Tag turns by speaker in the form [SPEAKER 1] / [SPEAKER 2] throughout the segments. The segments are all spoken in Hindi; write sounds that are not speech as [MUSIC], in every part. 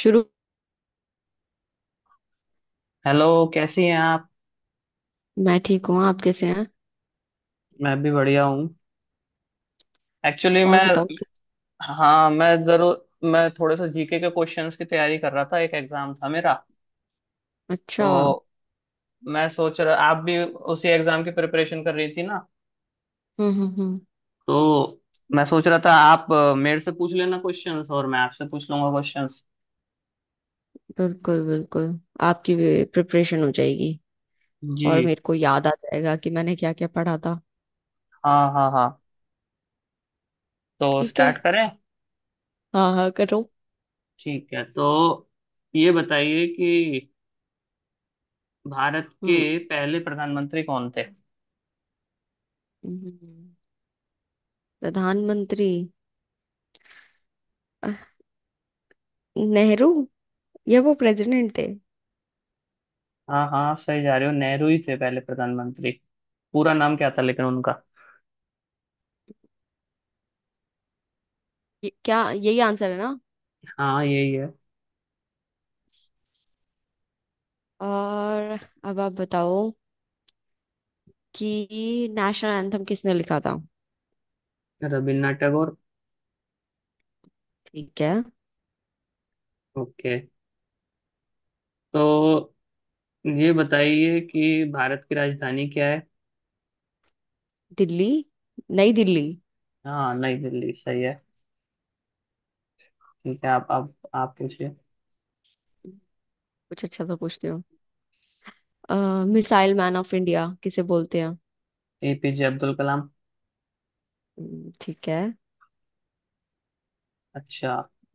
[SPEAKER 1] शुरू।
[SPEAKER 2] हेलो। कैसी हैं आप?
[SPEAKER 1] मैं ठीक हूँ, आप कैसे हैं?
[SPEAKER 2] मैं भी बढ़िया हूँ। एक्चुअली
[SPEAKER 1] और
[SPEAKER 2] मैं,
[SPEAKER 1] बताओ।
[SPEAKER 2] हाँ मैं जरूर, मैं थोड़े से जीके के क्वेश्चंस की तैयारी कर रहा था, एक एग्जाम था मेरा।
[SPEAKER 1] अच्छा। हम्म।
[SPEAKER 2] तो मैं सोच रहा आप भी उसी एग्जाम की प्रिपरेशन कर रही थी ना?
[SPEAKER 1] हम्म।
[SPEAKER 2] तो मैं सोच रहा था आप मेरे से पूछ लेना क्वेश्चंस और मैं आपसे पूछ लूंगा क्वेश्चंस।
[SPEAKER 1] बिल्कुल बिल्कुल। आपकी भी प्रिपरेशन हो जाएगी।
[SPEAKER 2] जी।
[SPEAKER 1] और मेरे को याद आ जाएगा कि मैंने क्या क्या पढ़ा था।
[SPEAKER 2] हाँ हाँ हाँ। तो
[SPEAKER 1] ठीक है।
[SPEAKER 2] स्टार्ट करें?
[SPEAKER 1] हाँ हाँ, करो।
[SPEAKER 2] ठीक है, तो ये बताइए कि भारत के
[SPEAKER 1] हम्म।
[SPEAKER 2] पहले प्रधानमंत्री कौन थे?
[SPEAKER 1] हम्म, प्रधानमंत्री अह, नेहरू। या वो प्रेसिडेंट थे?
[SPEAKER 2] हाँ हाँ, आप सही जा रहे हो, नेहरू ही थे पहले प्रधानमंत्री। पूरा नाम क्या था लेकिन उनका?
[SPEAKER 1] क्या यही आंसर है ना?
[SPEAKER 2] हाँ यही है।
[SPEAKER 1] और अब आप बताओ कि नेशनल एंथम किसने लिखा था।
[SPEAKER 2] रविन्द्रनाथ टैगोर।
[SPEAKER 1] ठीक है।
[SPEAKER 2] ओके, तो ये बताइए कि भारत की राजधानी क्या है?
[SPEAKER 1] दिल्ली, नई दिल्ली।
[SPEAKER 2] हाँ नई दिल्ली सही है। ठीक है, आप आप पूछिए।
[SPEAKER 1] कुछ अच्छा सा पूछते हो। मिसाइल मैन ऑफ इंडिया किसे बोलते हैं?
[SPEAKER 2] एपीजे अब्दुल कलाम।
[SPEAKER 1] ठीक है।
[SPEAKER 2] अच्छा,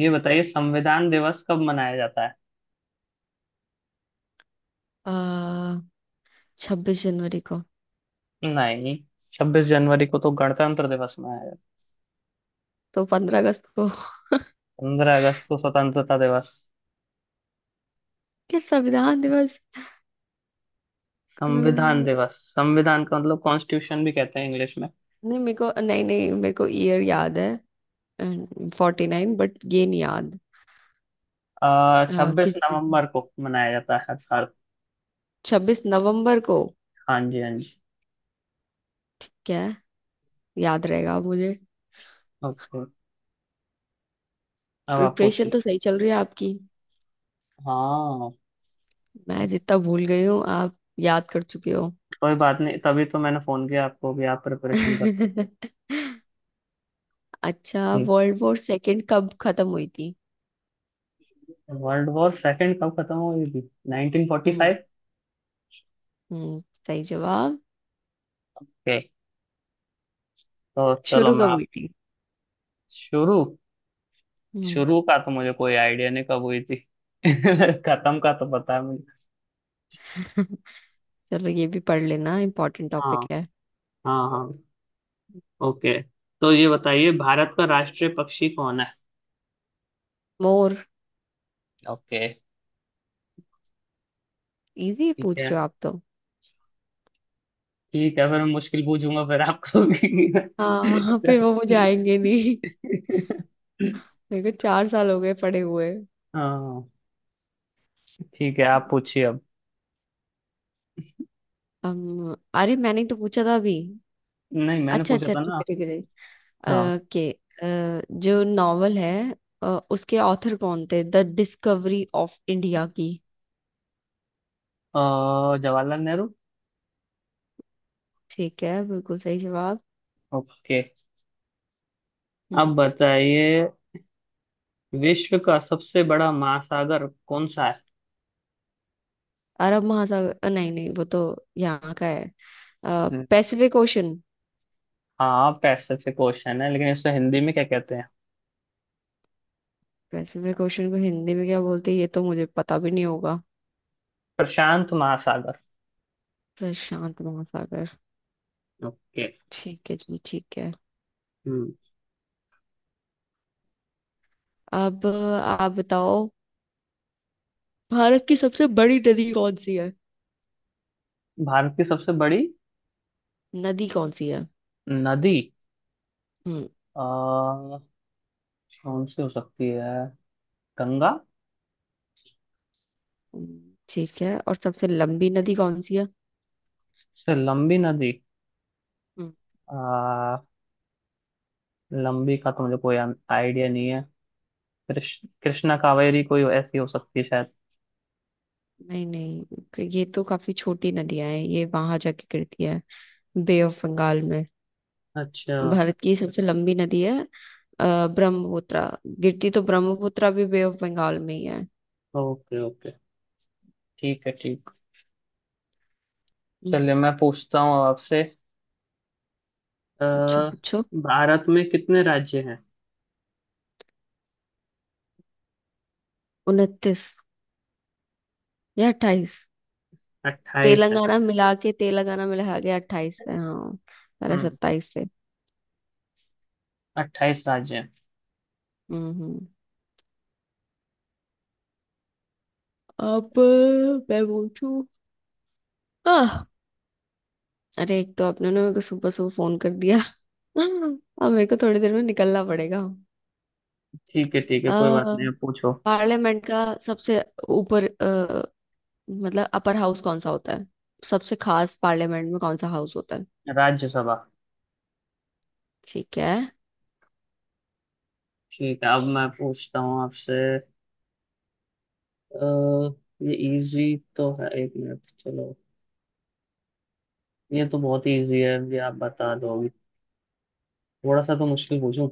[SPEAKER 2] ये बताइए संविधान दिवस कब मनाया जाता है?
[SPEAKER 1] आ, 26 जनवरी को।
[SPEAKER 2] नहीं, छब्बीस जनवरी को तो गणतंत्र दिवस मनाया जाता है।
[SPEAKER 1] तो 15 अगस्त को। [LAUGHS]
[SPEAKER 2] पंद्रह अगस्त को स्वतंत्रता दिवस।
[SPEAKER 1] क्या संविधान दिवस?
[SPEAKER 2] संविधान
[SPEAKER 1] नहीं,
[SPEAKER 2] दिवस, संविधान का मतलब कॉन्स्टिट्यूशन भी कहते हैं इंग्लिश में।
[SPEAKER 1] मेरे को नहीं नहीं मेरे को ईयर याद है। Forty nine. बट ये नहीं याद।
[SPEAKER 2] आ, छब्बीस
[SPEAKER 1] किस दिन।
[SPEAKER 2] नवंबर को मनाया जाता है हर साल।
[SPEAKER 1] छब्बीस नवंबर को।
[SPEAKER 2] हाँ जी हाँ जी।
[SPEAKER 1] ठीक है, याद रहेगा मुझे।
[SPEAKER 2] ओके, अब आप
[SPEAKER 1] प्रिपरेशन
[SPEAKER 2] पूछिए।
[SPEAKER 1] तो सही चल रही है आपकी।
[SPEAKER 2] हाँ।
[SPEAKER 1] मैं
[SPEAKER 2] ऐस-
[SPEAKER 1] जितना भूल गई हूँ, आप याद कर चुके हो।
[SPEAKER 2] कोई बात नहीं, तभी तो मैंने फोन किया आपको भी, आप प्रिपरेशन कर।
[SPEAKER 1] [LAUGHS] अच्छा,
[SPEAKER 2] ठीक।
[SPEAKER 1] वर्ल्ड वॉर सेकेंड कब खत्म हुई थी?
[SPEAKER 2] वर्ल्ड वॉर सेकंड कब खत्म हुई थी?
[SPEAKER 1] हम्म।
[SPEAKER 2] 1945।
[SPEAKER 1] हम्म, सही जवाब।
[SPEAKER 2] ओके, तो चलो
[SPEAKER 1] शुरू
[SPEAKER 2] मैं
[SPEAKER 1] कब
[SPEAKER 2] आप।
[SPEAKER 1] हुई थी?
[SPEAKER 2] शुरू।
[SPEAKER 1] हम्म।
[SPEAKER 2] शुरू का तो मुझे कोई आइडिया नहीं कब हुई थी [LAUGHS] खत्म का तो पता है मुझे।
[SPEAKER 1] [LAUGHS] चलो, ये भी पढ़ लेना, इम्पोर्टेंट टॉपिक
[SPEAKER 2] हाँ
[SPEAKER 1] है।
[SPEAKER 2] हाँ हाँ। ओके, तो ये बताइए भारत का राष्ट्रीय पक्षी कौन है?
[SPEAKER 1] मोर।
[SPEAKER 2] ओके।
[SPEAKER 1] इजी
[SPEAKER 2] ठीक
[SPEAKER 1] पूछ
[SPEAKER 2] है,
[SPEAKER 1] रहे हो आप तो।
[SPEAKER 2] ठीक है, फिर मैं मुश्किल पूछूंगा फिर आपको भी।
[SPEAKER 1] हाँ हाँ, फिर वो मुझे आएंगे नहीं।
[SPEAKER 2] [LAUGHS]
[SPEAKER 1] मेरे को चार साल हो गए पढ़े हुए।
[SPEAKER 2] हाँ, ठीक है आप पूछिए अब।
[SPEAKER 1] अरे, मैंने तो पूछा था अभी।
[SPEAKER 2] नहीं मैंने
[SPEAKER 1] अच्छा
[SPEAKER 2] पूछा
[SPEAKER 1] अच्छा,
[SPEAKER 2] था
[SPEAKER 1] ठीक
[SPEAKER 2] ना।
[SPEAKER 1] है ठीक है, ठीक
[SPEAKER 2] हाँ।
[SPEAKER 1] है। जो नॉवल है, अ, उसके ऑथर कौन थे द डिस्कवरी ऑफ इंडिया की?
[SPEAKER 2] जवाहरलाल नेहरू।
[SPEAKER 1] ठीक है, बिल्कुल सही जवाब।
[SPEAKER 2] ओके, अब
[SPEAKER 1] हम्म।
[SPEAKER 2] बताइए विश्व का सबसे बड़ा महासागर कौन सा है?
[SPEAKER 1] अरब महासागर। नहीं नहीं, वो तो यहाँ का है।
[SPEAKER 2] हम्म।
[SPEAKER 1] Pacific Ocean.
[SPEAKER 2] हाँ पैसिफिक ओशन है, लेकिन इसे हिंदी में क्या कहते हैं?
[SPEAKER 1] पैसिफिक ओशन को हिंदी में क्या बोलते हैं, ये तो मुझे पता भी नहीं होगा।
[SPEAKER 2] प्रशांत महासागर।
[SPEAKER 1] प्रशांत महासागर।
[SPEAKER 2] ओके।
[SPEAKER 1] ठीक है जी, ठीक है।
[SPEAKER 2] हम्म।
[SPEAKER 1] अब आप बताओ, भारत की सबसे बड़ी नदी कौन सी है?
[SPEAKER 2] भारत की सबसे बड़ी
[SPEAKER 1] नदी कौन सी है।
[SPEAKER 2] नदी।
[SPEAKER 1] हम्म।
[SPEAKER 2] अ, कौन सी हो सकती है? गंगा।
[SPEAKER 1] ठीक है। और सबसे लंबी नदी कौन सी है?
[SPEAKER 2] से लंबी नदी।
[SPEAKER 1] हम्म,
[SPEAKER 2] अ, लंबी का तो मुझे कोई आइडिया नहीं है। कृष्ण कृष्णा कावेरी कोई ऐसी हो सकती है?
[SPEAKER 1] नहीं नहीं, ये तो काफी छोटी नदियां हैं, ये वहां जाके गिरती है बे ऑफ बंगाल में।
[SPEAKER 2] अच्छा।
[SPEAKER 1] भारत की सबसे लंबी नदी है ब्रह्मपुत्र। गिरती तो ब्रह्मपुत्र भी बे ऑफ बंगाल में ही है।
[SPEAKER 2] ओके ओके, ठीक है ठीक।
[SPEAKER 1] हम्म।
[SPEAKER 2] चलिए मैं पूछता हूँ अब आपसे। अ,
[SPEAKER 1] पूछो पूछो।
[SPEAKER 2] भारत में कितने राज्य हैं?
[SPEAKER 1] उनतीस या अट्ठाईस।
[SPEAKER 2] अट्ठाईस है।
[SPEAKER 1] तेलंगाना मिला के अट्ठाईस है, हाँ। पहले
[SPEAKER 2] हम्म,
[SPEAKER 1] सत्ताईस थे।
[SPEAKER 2] अट्ठाईस राज्य हैं।
[SPEAKER 1] हम्म। हम्म। अब मैं पूछू। आह, अरे एक तो आपने ना मेरे को सुबह सुबह फोन कर दिया। [LAUGHS] अब मेरे को थोड़ी देर में निकलना पड़ेगा।
[SPEAKER 2] ठीक है ठीक है, कोई बात
[SPEAKER 1] अह,
[SPEAKER 2] नहीं आप पूछो।
[SPEAKER 1] पार्लियामेंट का सबसे ऊपर मतलब अपर हाउस कौन सा होता है? सबसे खास पार्लियामेंट में कौन सा हाउस होता है?
[SPEAKER 2] राज्यसभा।
[SPEAKER 1] ठीक है।
[SPEAKER 2] ठीक है, अब मैं पूछता हूँ आपसे। अ, ये इजी तो है, एक मिनट चलो, ये तो बहुत इजी है, ये आप बता दोगे, थोड़ा सा तो मुश्किल पूछूं।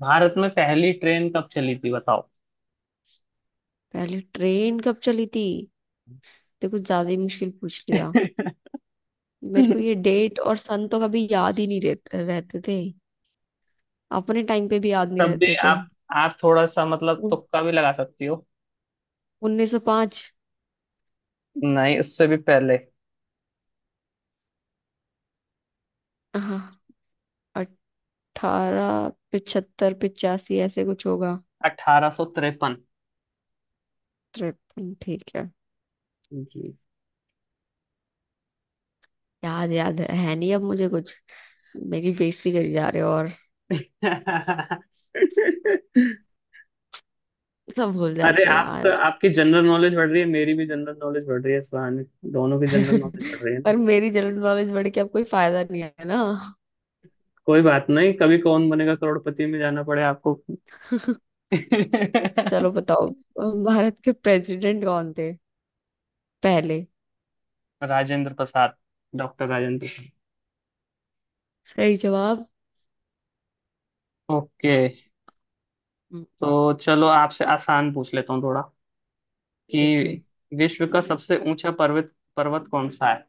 [SPEAKER 2] भारत में पहली ट्रेन कब चली थी बताओ?
[SPEAKER 1] पहले ट्रेन कब चली थी, तो कुछ ज्यादा ही मुश्किल पूछ लिया। मेरे को ये
[SPEAKER 2] [LAUGHS]
[SPEAKER 1] डेट और सन तो कभी याद ही नहीं रहते रहते थे। अपने टाइम पे भी याद नहीं
[SPEAKER 2] तब भी
[SPEAKER 1] रहते थे।
[SPEAKER 2] आप थोड़ा सा मतलब तुक्का भी लगा सकती हो।
[SPEAKER 1] उन्नीस सौ पाँच।
[SPEAKER 2] नहीं, उससे भी पहले।
[SPEAKER 1] हाँ, अठारह पिछहत्तर, पिचासी, ऐसे कुछ होगा।
[SPEAKER 2] अठारह सौ तिरपन।
[SPEAKER 1] तिरपन, ठीक है।
[SPEAKER 2] जी।
[SPEAKER 1] याद याद है नहीं अब मुझे कुछ। मेरी बेइज्जती करी जा रहे हो और
[SPEAKER 2] [LAUGHS]
[SPEAKER 1] सब भूल
[SPEAKER 2] अरे
[SPEAKER 1] जाती हो
[SPEAKER 2] आपका
[SPEAKER 1] यार।
[SPEAKER 2] आपकी जनरल नॉलेज बढ़ रही है, मेरी भी जनरल नॉलेज बढ़ रही है इस बहाने। दोनों की जनरल नॉलेज बढ़
[SPEAKER 1] [LAUGHS]
[SPEAKER 2] रही है ना।
[SPEAKER 1] पर मेरी जनरल नॉलेज बढ़ के अब कोई फायदा नहीं है ना।
[SPEAKER 2] कोई बात नहीं, कभी कौन बनेगा करोड़पति में जाना पड़े आपको।
[SPEAKER 1] [LAUGHS] चलो
[SPEAKER 2] [LAUGHS]
[SPEAKER 1] बताओ, भारत के प्रेसिडेंट कौन थे पहले?
[SPEAKER 2] राजेंद्र प्रसाद, डॉक्टर राजेंद्र प्रसाद।
[SPEAKER 1] सही जवाब।
[SPEAKER 2] ओके,
[SPEAKER 1] हम्म,
[SPEAKER 2] तो चलो आपसे आसान पूछ लेता हूँ थोड़ा
[SPEAKER 1] ठीक है।
[SPEAKER 2] कि विश्व का सबसे ऊंचा पर्वत पर्वत कौन सा है?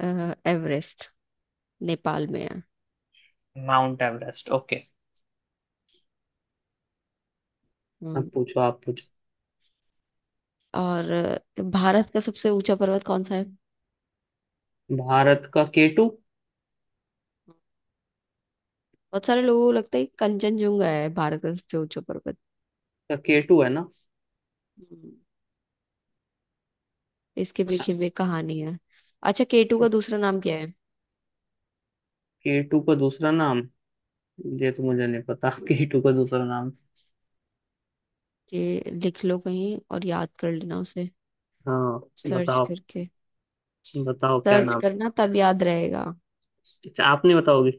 [SPEAKER 1] एवरेस्ट, नेपाल में है।
[SPEAKER 2] Mount Everest. ओके, अब
[SPEAKER 1] हम्म।
[SPEAKER 2] पूछो, आप पूछो।
[SPEAKER 1] और भारत का सबसे ऊंचा पर्वत कौन सा है?
[SPEAKER 2] भारत का केटू।
[SPEAKER 1] बहुत सारे लोगों को लगता है कि कंचनजंगा है भारत का सबसे ऊंचा पर्वत।
[SPEAKER 2] का केटू है ना।
[SPEAKER 1] हम्म, इसके पीछे भी कहानी है। अच्छा, केटू का दूसरा नाम क्या है?
[SPEAKER 2] केटू का दूसरा नाम? ये तो मुझे नहीं पता। [LAUGHS] केटू का दूसरा नाम।
[SPEAKER 1] ये लिख लो कहीं और याद कर लेना उसे,
[SPEAKER 2] हाँ।
[SPEAKER 1] सर्च
[SPEAKER 2] बताओ,
[SPEAKER 1] करके।
[SPEAKER 2] बताओ क्या
[SPEAKER 1] सर्च
[SPEAKER 2] नाम।
[SPEAKER 1] करना, तब याद रहेगा।
[SPEAKER 2] अच्छा आप नहीं बताओगे।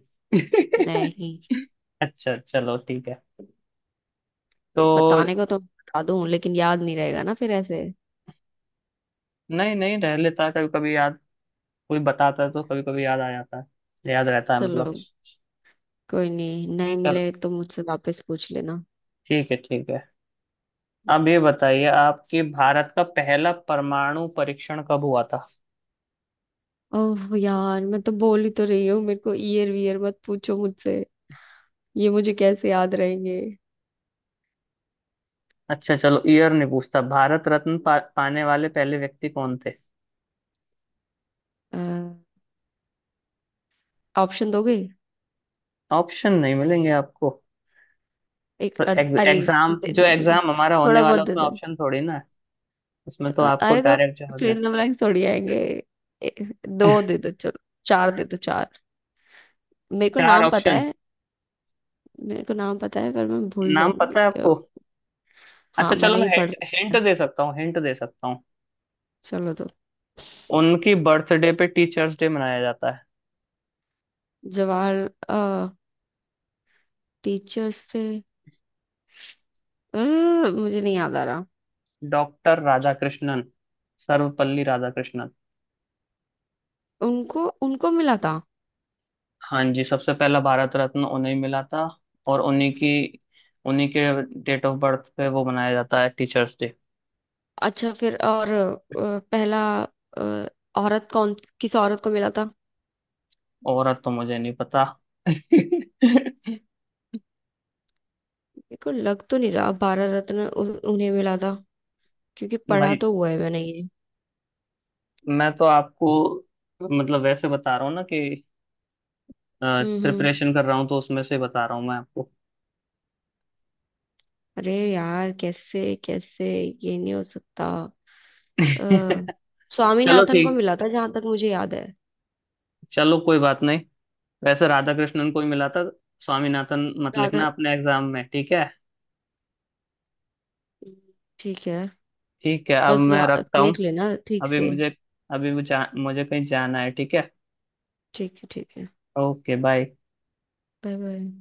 [SPEAKER 1] नहीं,
[SPEAKER 2] [LAUGHS] अच्छा चलो ठीक है, तो
[SPEAKER 1] बताने को तो बता दूं, लेकिन याद नहीं रहेगा ना फिर ऐसे।
[SPEAKER 2] नहीं नहीं, रह लेता है कभी कभी याद। कोई बताता है तो कभी कभी याद आ जाता है, याद रहता है
[SPEAKER 1] चलो,
[SPEAKER 2] मतलब।
[SPEAKER 1] कोई नहीं, नहीं
[SPEAKER 2] चल,
[SPEAKER 1] मिले तो मुझसे वापस पूछ लेना।
[SPEAKER 2] ठीक है ठीक है। अब ये बताइए आपके भारत का पहला परमाणु परीक्षण कब हुआ था?
[SPEAKER 1] ओह यार, मैं तो बोल ही तो रही हूँ, मेरे को ईयर वीयर मत पूछो मुझसे। ये मुझे कैसे याद रहेंगे?
[SPEAKER 2] अच्छा चलो, ईयर नहीं पूछता। भारत रत्न पाने वाले पहले व्यक्ति कौन थे?
[SPEAKER 1] ऑप्शन दोगे?
[SPEAKER 2] ऑप्शन नहीं मिलेंगे आपको। तो
[SPEAKER 1] अरे,
[SPEAKER 2] एग्जाम,
[SPEAKER 1] दे
[SPEAKER 2] जो
[SPEAKER 1] दो दे दो,
[SPEAKER 2] एग्जाम हमारा होने
[SPEAKER 1] थोड़ा बहुत
[SPEAKER 2] वाला
[SPEAKER 1] दे
[SPEAKER 2] उसमें
[SPEAKER 1] दो।
[SPEAKER 2] ऑप्शन थोड़ी ना है। उसमें तो आपको
[SPEAKER 1] अरे तो
[SPEAKER 2] डायरेक्ट जवाब
[SPEAKER 1] फिर
[SPEAKER 2] देना।
[SPEAKER 1] ब्लैंक्स थोड़ी आएंगे। ए, दो दे
[SPEAKER 2] [LAUGHS]
[SPEAKER 1] दो, चलो। चार दे दो, चार। मेरे को
[SPEAKER 2] चार
[SPEAKER 1] नाम पता
[SPEAKER 2] ऑप्शन।
[SPEAKER 1] है। मेरे को नाम पता है, पर मैं भूल
[SPEAKER 2] नाम पता
[SPEAKER 1] जाऊंगी।
[SPEAKER 2] है आपको?
[SPEAKER 1] हाँ,
[SPEAKER 2] अच्छा चलो,
[SPEAKER 1] मैंने
[SPEAKER 2] मैं
[SPEAKER 1] ये पढ़
[SPEAKER 2] हिंट
[SPEAKER 1] रखा है।
[SPEAKER 2] हिंट दे सकता हूँ, हिंट दे सकता हूँ।
[SPEAKER 1] चलो तो।
[SPEAKER 2] उनकी बर्थडे पे टीचर्स डे मनाया जाता है।
[SPEAKER 1] जवाहर, टीचर्स से, अ, मुझे नहीं याद आ रहा।
[SPEAKER 2] डॉक्टर राधाकृष्णन, सर्वपल्ली राधाकृष्णन।
[SPEAKER 1] उनको उनको मिला था?
[SPEAKER 2] हाँ जी, सबसे पहला भारत रत्न उन्हें मिला था। और उन्हीं के डेट ऑफ बर्थ पे वो मनाया जाता है टीचर्स डे।
[SPEAKER 1] अच्छा, फिर और पहला अ, औरत कौन, किस औरत को मिला था?
[SPEAKER 2] और अब तो मुझे नहीं पता। [LAUGHS]
[SPEAKER 1] मेरे को लग तो नहीं रहा भारत रत्न उन्हें मिला था, क्योंकि पढ़ा
[SPEAKER 2] भाई,
[SPEAKER 1] तो हुआ है मैंने ये।
[SPEAKER 2] मैं तो आपको, मतलब वैसे बता रहा हूँ ना, कि
[SPEAKER 1] हम्म।
[SPEAKER 2] प्रिपरेशन कर रहा हूँ तो उसमें से बता रहा हूँ मैं आपको।
[SPEAKER 1] अरे यार, कैसे कैसे। ये नहीं हो सकता। अ,
[SPEAKER 2] [LAUGHS] चलो
[SPEAKER 1] स्वामीनाथन को
[SPEAKER 2] ठीक,
[SPEAKER 1] मिला था जहां तक मुझे याद है।
[SPEAKER 2] चलो कोई बात नहीं, वैसे राधा कृष्णन को ही मिला था। स्वामीनाथन मत लिखना
[SPEAKER 1] राधा,
[SPEAKER 2] अपने एग्जाम में, ठीक है?
[SPEAKER 1] ठीक है।
[SPEAKER 2] ठीक है, अब
[SPEAKER 1] बस
[SPEAKER 2] मैं
[SPEAKER 1] याद
[SPEAKER 2] रखता हूँ।
[SPEAKER 1] देख लेना ठीक
[SPEAKER 2] अभी
[SPEAKER 1] से।
[SPEAKER 2] मुझे अभी मुझे मुझे कहीं जाना है, ठीक है?
[SPEAKER 1] ठीक है, ठीक है।
[SPEAKER 2] Okay bye.
[SPEAKER 1] Bye bye.